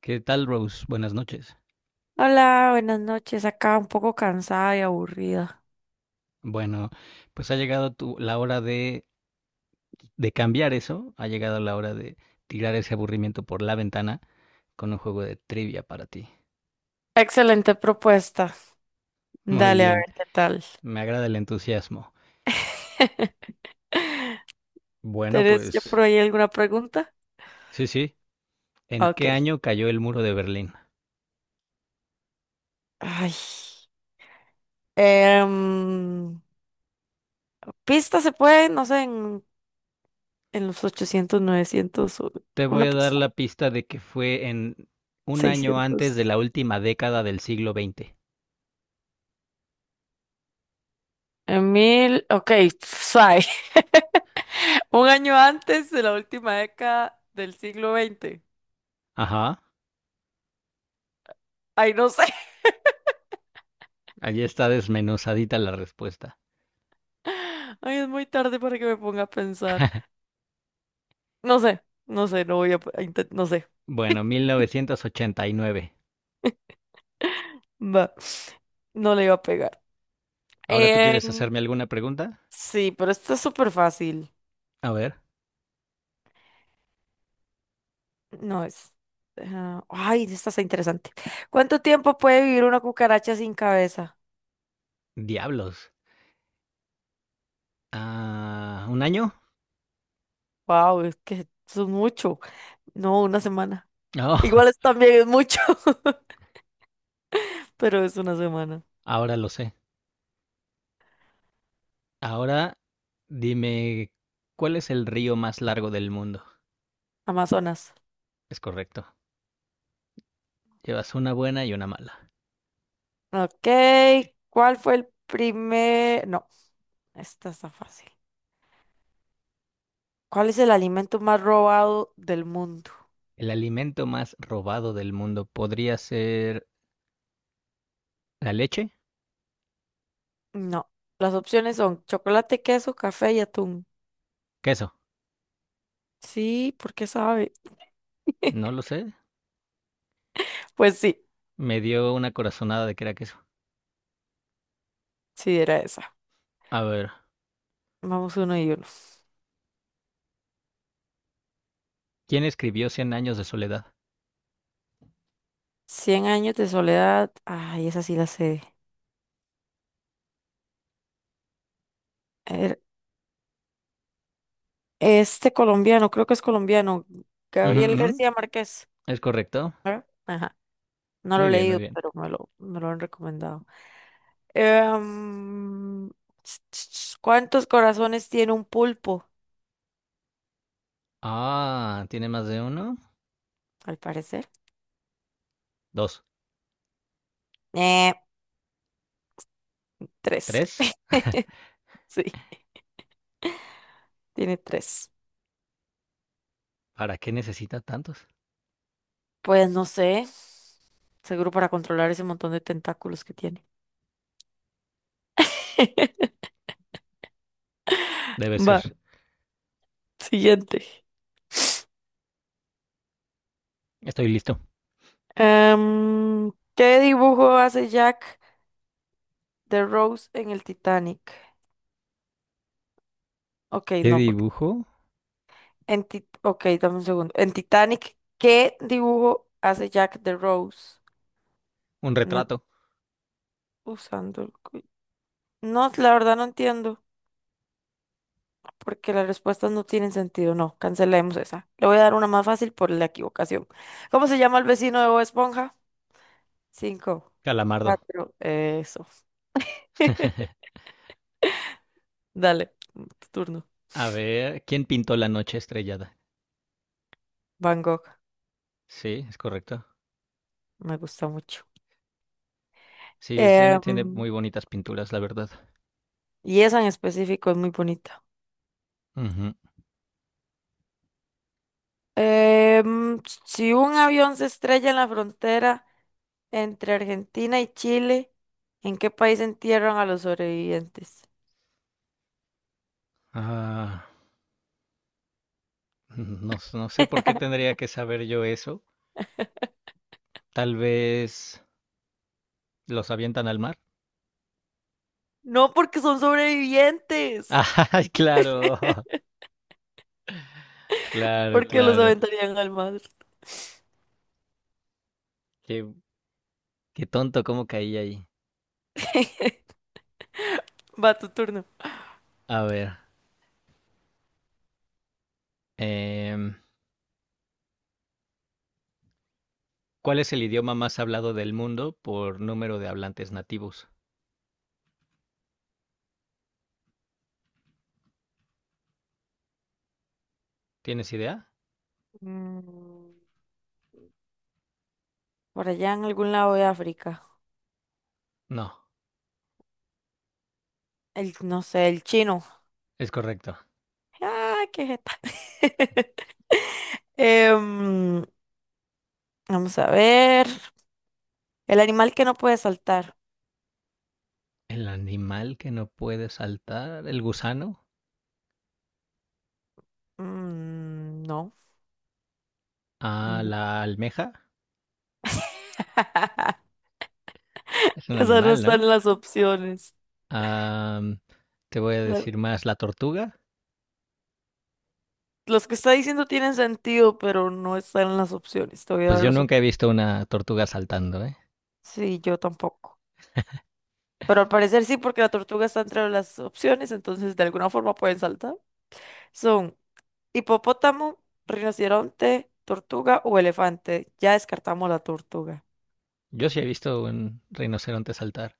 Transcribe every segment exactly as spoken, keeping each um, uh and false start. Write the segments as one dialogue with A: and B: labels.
A: ¿Qué tal, Rose? Buenas noches.
B: Hola, buenas noches. Acá un poco cansada y aburrida.
A: Bueno, pues ha llegado tu- la hora de, de cambiar eso, ha llegado la hora de tirar ese aburrimiento por la ventana con un juego de trivia para ti.
B: Excelente propuesta.
A: Muy
B: Dale, a
A: bien,
B: ver qué tal.
A: me agrada el entusiasmo. Bueno,
B: ¿Tenés ya
A: pues
B: por ahí alguna pregunta?
A: sí, sí. ¿En qué
B: Ok.
A: año cayó el muro de Berlín?
B: Ay. em, ¿Pista se puede? No sé, en, en los ochocientos, novecientos o-
A: Te voy
B: una
A: a dar
B: pista,
A: la pista de que fue en un año antes de
B: seiscientos.
A: la última década del siglo veinte.
B: En mil. ok, suave. Un año antes de la última década del siglo veinte.
A: Ajá,
B: Ay, no sé.
A: allí está desmenuzadita la respuesta.
B: Ay, es muy tarde para que me ponga a pensar. No sé, no sé, no voy a, intentar, no sé.
A: Bueno, mil novecientos ochenta y nueve.
B: Va, no le iba a pegar.
A: ¿Ahora tú quieres
B: Em,
A: hacerme alguna pregunta?
B: sí, pero esto es súper fácil.
A: A ver,
B: No es. Ah, ay, esta está interesante. ¿Cuánto tiempo puede vivir una cucaracha sin cabeza?
A: diablos. Ah, ¿un año?
B: Wow, es que eso es mucho. No, una semana.
A: Oh,
B: Igual es también es mucho, pero es una semana.
A: ahora lo sé. Ahora dime, ¿cuál es el río más largo del mundo?
B: Amazonas.
A: Es correcto. Llevas una buena y una mala.
B: Ok, ¿cuál fue el primer? No, esta está fácil. ¿Cuál es el alimento más robado del mundo?
A: El alimento más robado del mundo podría ser la leche,
B: No, las opciones son chocolate, queso, café y atún.
A: queso.
B: Sí, ¿por qué sabe?
A: No lo sé.
B: Pues sí,
A: Me dio una corazonada de que era queso.
B: sí era esa.
A: A ver,
B: Vamos uno y uno.
A: ¿quién escribió Cien años de soledad?
B: Cien años de soledad. Ay, esa sí la sé. Er- Este colombiano, creo que es colombiano,
A: Ujú,
B: Gabriel
A: ujú,
B: García Márquez.
A: es correcto.
B: Ajá, no lo
A: Muy
B: he
A: bien, muy
B: leído,
A: bien.
B: pero me lo, me lo han recomendado. Em, ch- ch- ch, ¿Cuántos corazones tiene un pulpo?
A: Ah, ¿tiene más de uno?
B: Al parecer.
A: Dos,
B: Eh, Tres.
A: tres.
B: Sí, tiene tres.
A: ¿Para qué necesita tantos?
B: Pues no sé. Seguro para controlar ese montón de tentáculos que tiene.
A: Debe ser.
B: Va, siguiente.
A: Estoy listo.
B: Em, ¿qué dibujo hace Jack de Rose en el Titanic? Ok,
A: ¿Qué
B: no, porque
A: dibujo?
B: en Ti- ok, dame un segundo. En Titanic, ¿qué dibujo hace Jack de Rose?
A: Un
B: No
A: retrato.
B: usando el cu- No, la verdad no entiendo, porque las respuestas no tienen sentido. No, cancelemos esa. Le voy a dar una más fácil por la equivocación. ¿Cómo se llama el vecino de Bob Esponja? Cinco,
A: Calamardo.
B: cuatro, eso. Dale, mm, tu turno.
A: A ver, ¿quién pintó la noche estrellada?
B: Van Gogh,
A: Sí, es correcto.
B: me gusta mucho.
A: Sí, tiene, tiene
B: Em,
A: muy bonitas pinturas, la verdad.
B: y esa en específico es muy bonita.
A: Ujú.
B: Em, si un avión se estrella en la frontera entre Argentina y Chile, ¿en qué país entierran a los sobrevivientes?
A: Ah, no, s- no sé por qué tendría que saber yo eso. Tal vez los avientan al mar.
B: No porque son sobrevivientes,
A: ¡Ay, claro! Claro,
B: porque los Claro.
A: claro.
B: aventarían al mar.
A: Qué, qué tonto, cómo caí ahí.
B: Va tu turno.
A: A ver. em, ¿Cuál es el idioma más hablado del mundo por número de hablantes nativos? ¿Tienes idea?
B: Mm, por allá en algún lado de África.
A: No,
B: El, no sé, el chino.
A: es correcto.
B: Ah, ¿qué es Em, vamos a ver. El animal que no puede saltar.
A: El animal que no puede saltar, el gusano,
B: Mm, no.
A: a
B: Mm.
A: la almeja, es un
B: Esas no
A: animal, ¿no?
B: están en las opciones.
A: Am, te voy a
B: La-
A: decir más, la tortuga.
B: los que está diciendo tienen sentido, pero no están en las opciones. Te voy a
A: Pues
B: dar
A: yo
B: las
A: nunca
B: opciones.
A: he visto una tortuga saltando, ¿eh?
B: Sí, yo tampoco. Pero al parecer sí, porque la tortuga está entre las opciones, entonces de alguna forma pueden saltar. Son Hipopótamo, rinoceronte, tortuga o elefante. Ya descartamos la tortuga.
A: Yo sí he visto un rinoceronte saltar.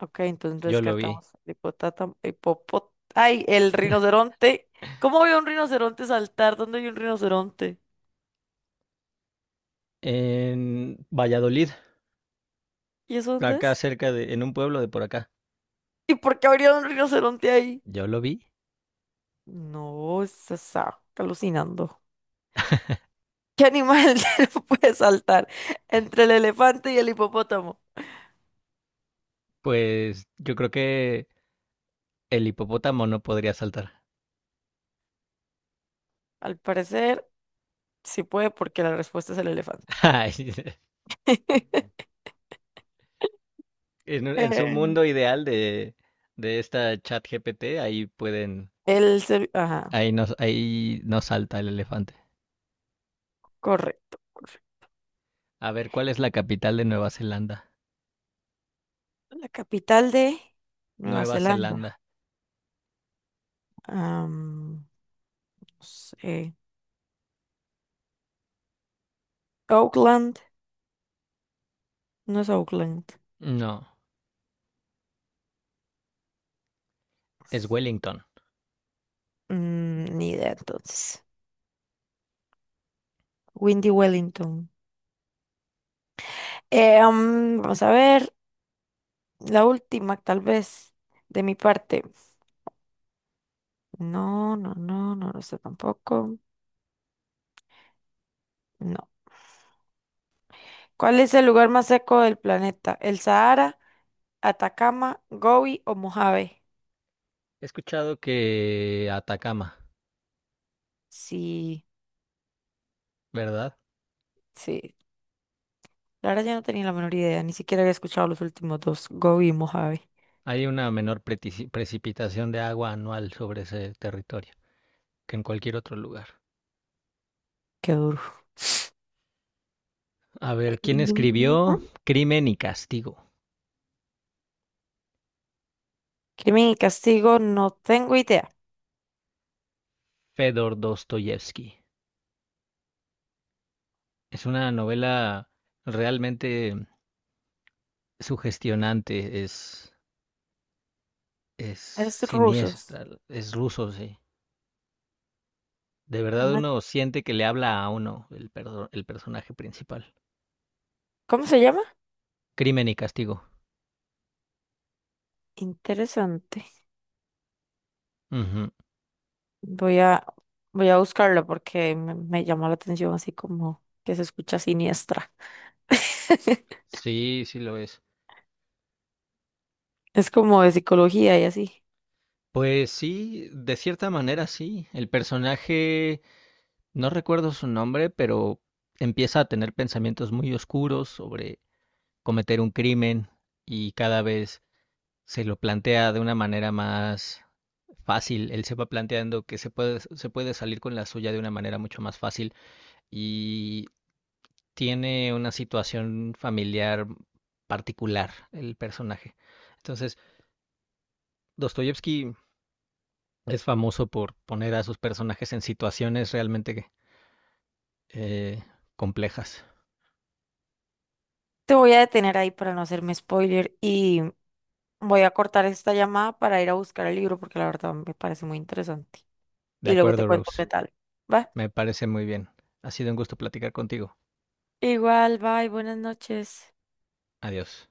B: Ok, entonces
A: Yo lo vi
B: descartamos el hipotátamo- hipopó- ay, el rinoceronte. ¿Cómo veo un rinoceronte saltar? ¿Dónde hay un rinoceronte?
A: en Valladolid,
B: ¿Y eso dónde
A: acá
B: es?
A: cerca de, en un pueblo de por acá.
B: ¿Y por qué habría un rinoceronte ahí?
A: Yo lo vi.
B: No, se está alucinando. ¿Qué animal no puede saltar entre el elefante y el hipopótamo?
A: Pues yo creo que el hipopótamo no podría saltar.
B: Al parecer, sí puede porque la respuesta es el elefante.
A: Ay, en, un- en su
B: Em,
A: mundo ideal de, de esta chat G P T, ahí pueden,
B: El, ser- ajá.
A: ahí no, ahí no salta el elefante.
B: Correcto, correcto.
A: A ver, ¿cuál es la capital de Nueva Zelanda?
B: La capital de Nueva
A: Nueva
B: Zelanda.
A: Zelanda.
B: Am, no sé. Auckland. No es Auckland.
A: No, es Wellington.
B: Mm, ni idea entonces. Windy Wellington. Eh, am, vamos a ver. La última, tal vez, de mi parte. No, no, no, no lo sé tampoco. No. ¿Cuál es el lugar más seco del planeta? ¿El Sahara, Atacama, Gobi o Mojave?
A: He escuchado que Atacama,
B: Sí,
A: ¿verdad?
B: sí, la verdad ya no tenía la menor idea, ni siquiera había escuchado los últimos dos, Go y Mojave.
A: Hay una menor pretici- precipitación de agua anual sobre ese territorio que en cualquier otro lugar.
B: Qué duro.
A: A ver, ¿quién
B: Y,
A: escribió Crimen y Castigo?
B: Crimen y castigo, no tengo idea.
A: Fedor Dostoyevsky. Es una novela realmente sugestionante, es, es
B: Es ruso.
A: siniestra, es ruso, sí. De verdad
B: No-
A: uno siente que le habla a uno el, perso- el personaje principal.
B: ¿Cómo se llama?
A: Crimen y castigo.
B: Interesante.
A: Ujú.
B: Voy a, voy a buscarlo porque me, me llamó la atención así como que se escucha siniestra.
A: Sí, sí lo es.
B: Es como de psicología y así.
A: Pues sí, de cierta manera sí. El personaje, no recuerdo su nombre, pero empieza a tener pensamientos muy oscuros sobre cometer un crimen y cada vez se lo plantea de una manera más fácil, él se va planteando que se puede, se puede salir con la suya de una manera mucho más fácil y tiene una situación familiar particular el personaje. Entonces, Dostoyevsky es famoso por poner a sus personajes en situaciones realmente eh, complejas.
B: Te voy a detener ahí para no hacerme spoiler y voy a cortar esta llamada para ir a buscar el libro porque la verdad me parece muy interesante.
A: De
B: Y luego te
A: acuerdo,
B: cuento qué
A: Rose.
B: tal. ¿Va?
A: Me parece muy bien. Ha sido un gusto platicar contigo.
B: Igual, bye, buenas noches.
A: Adiós.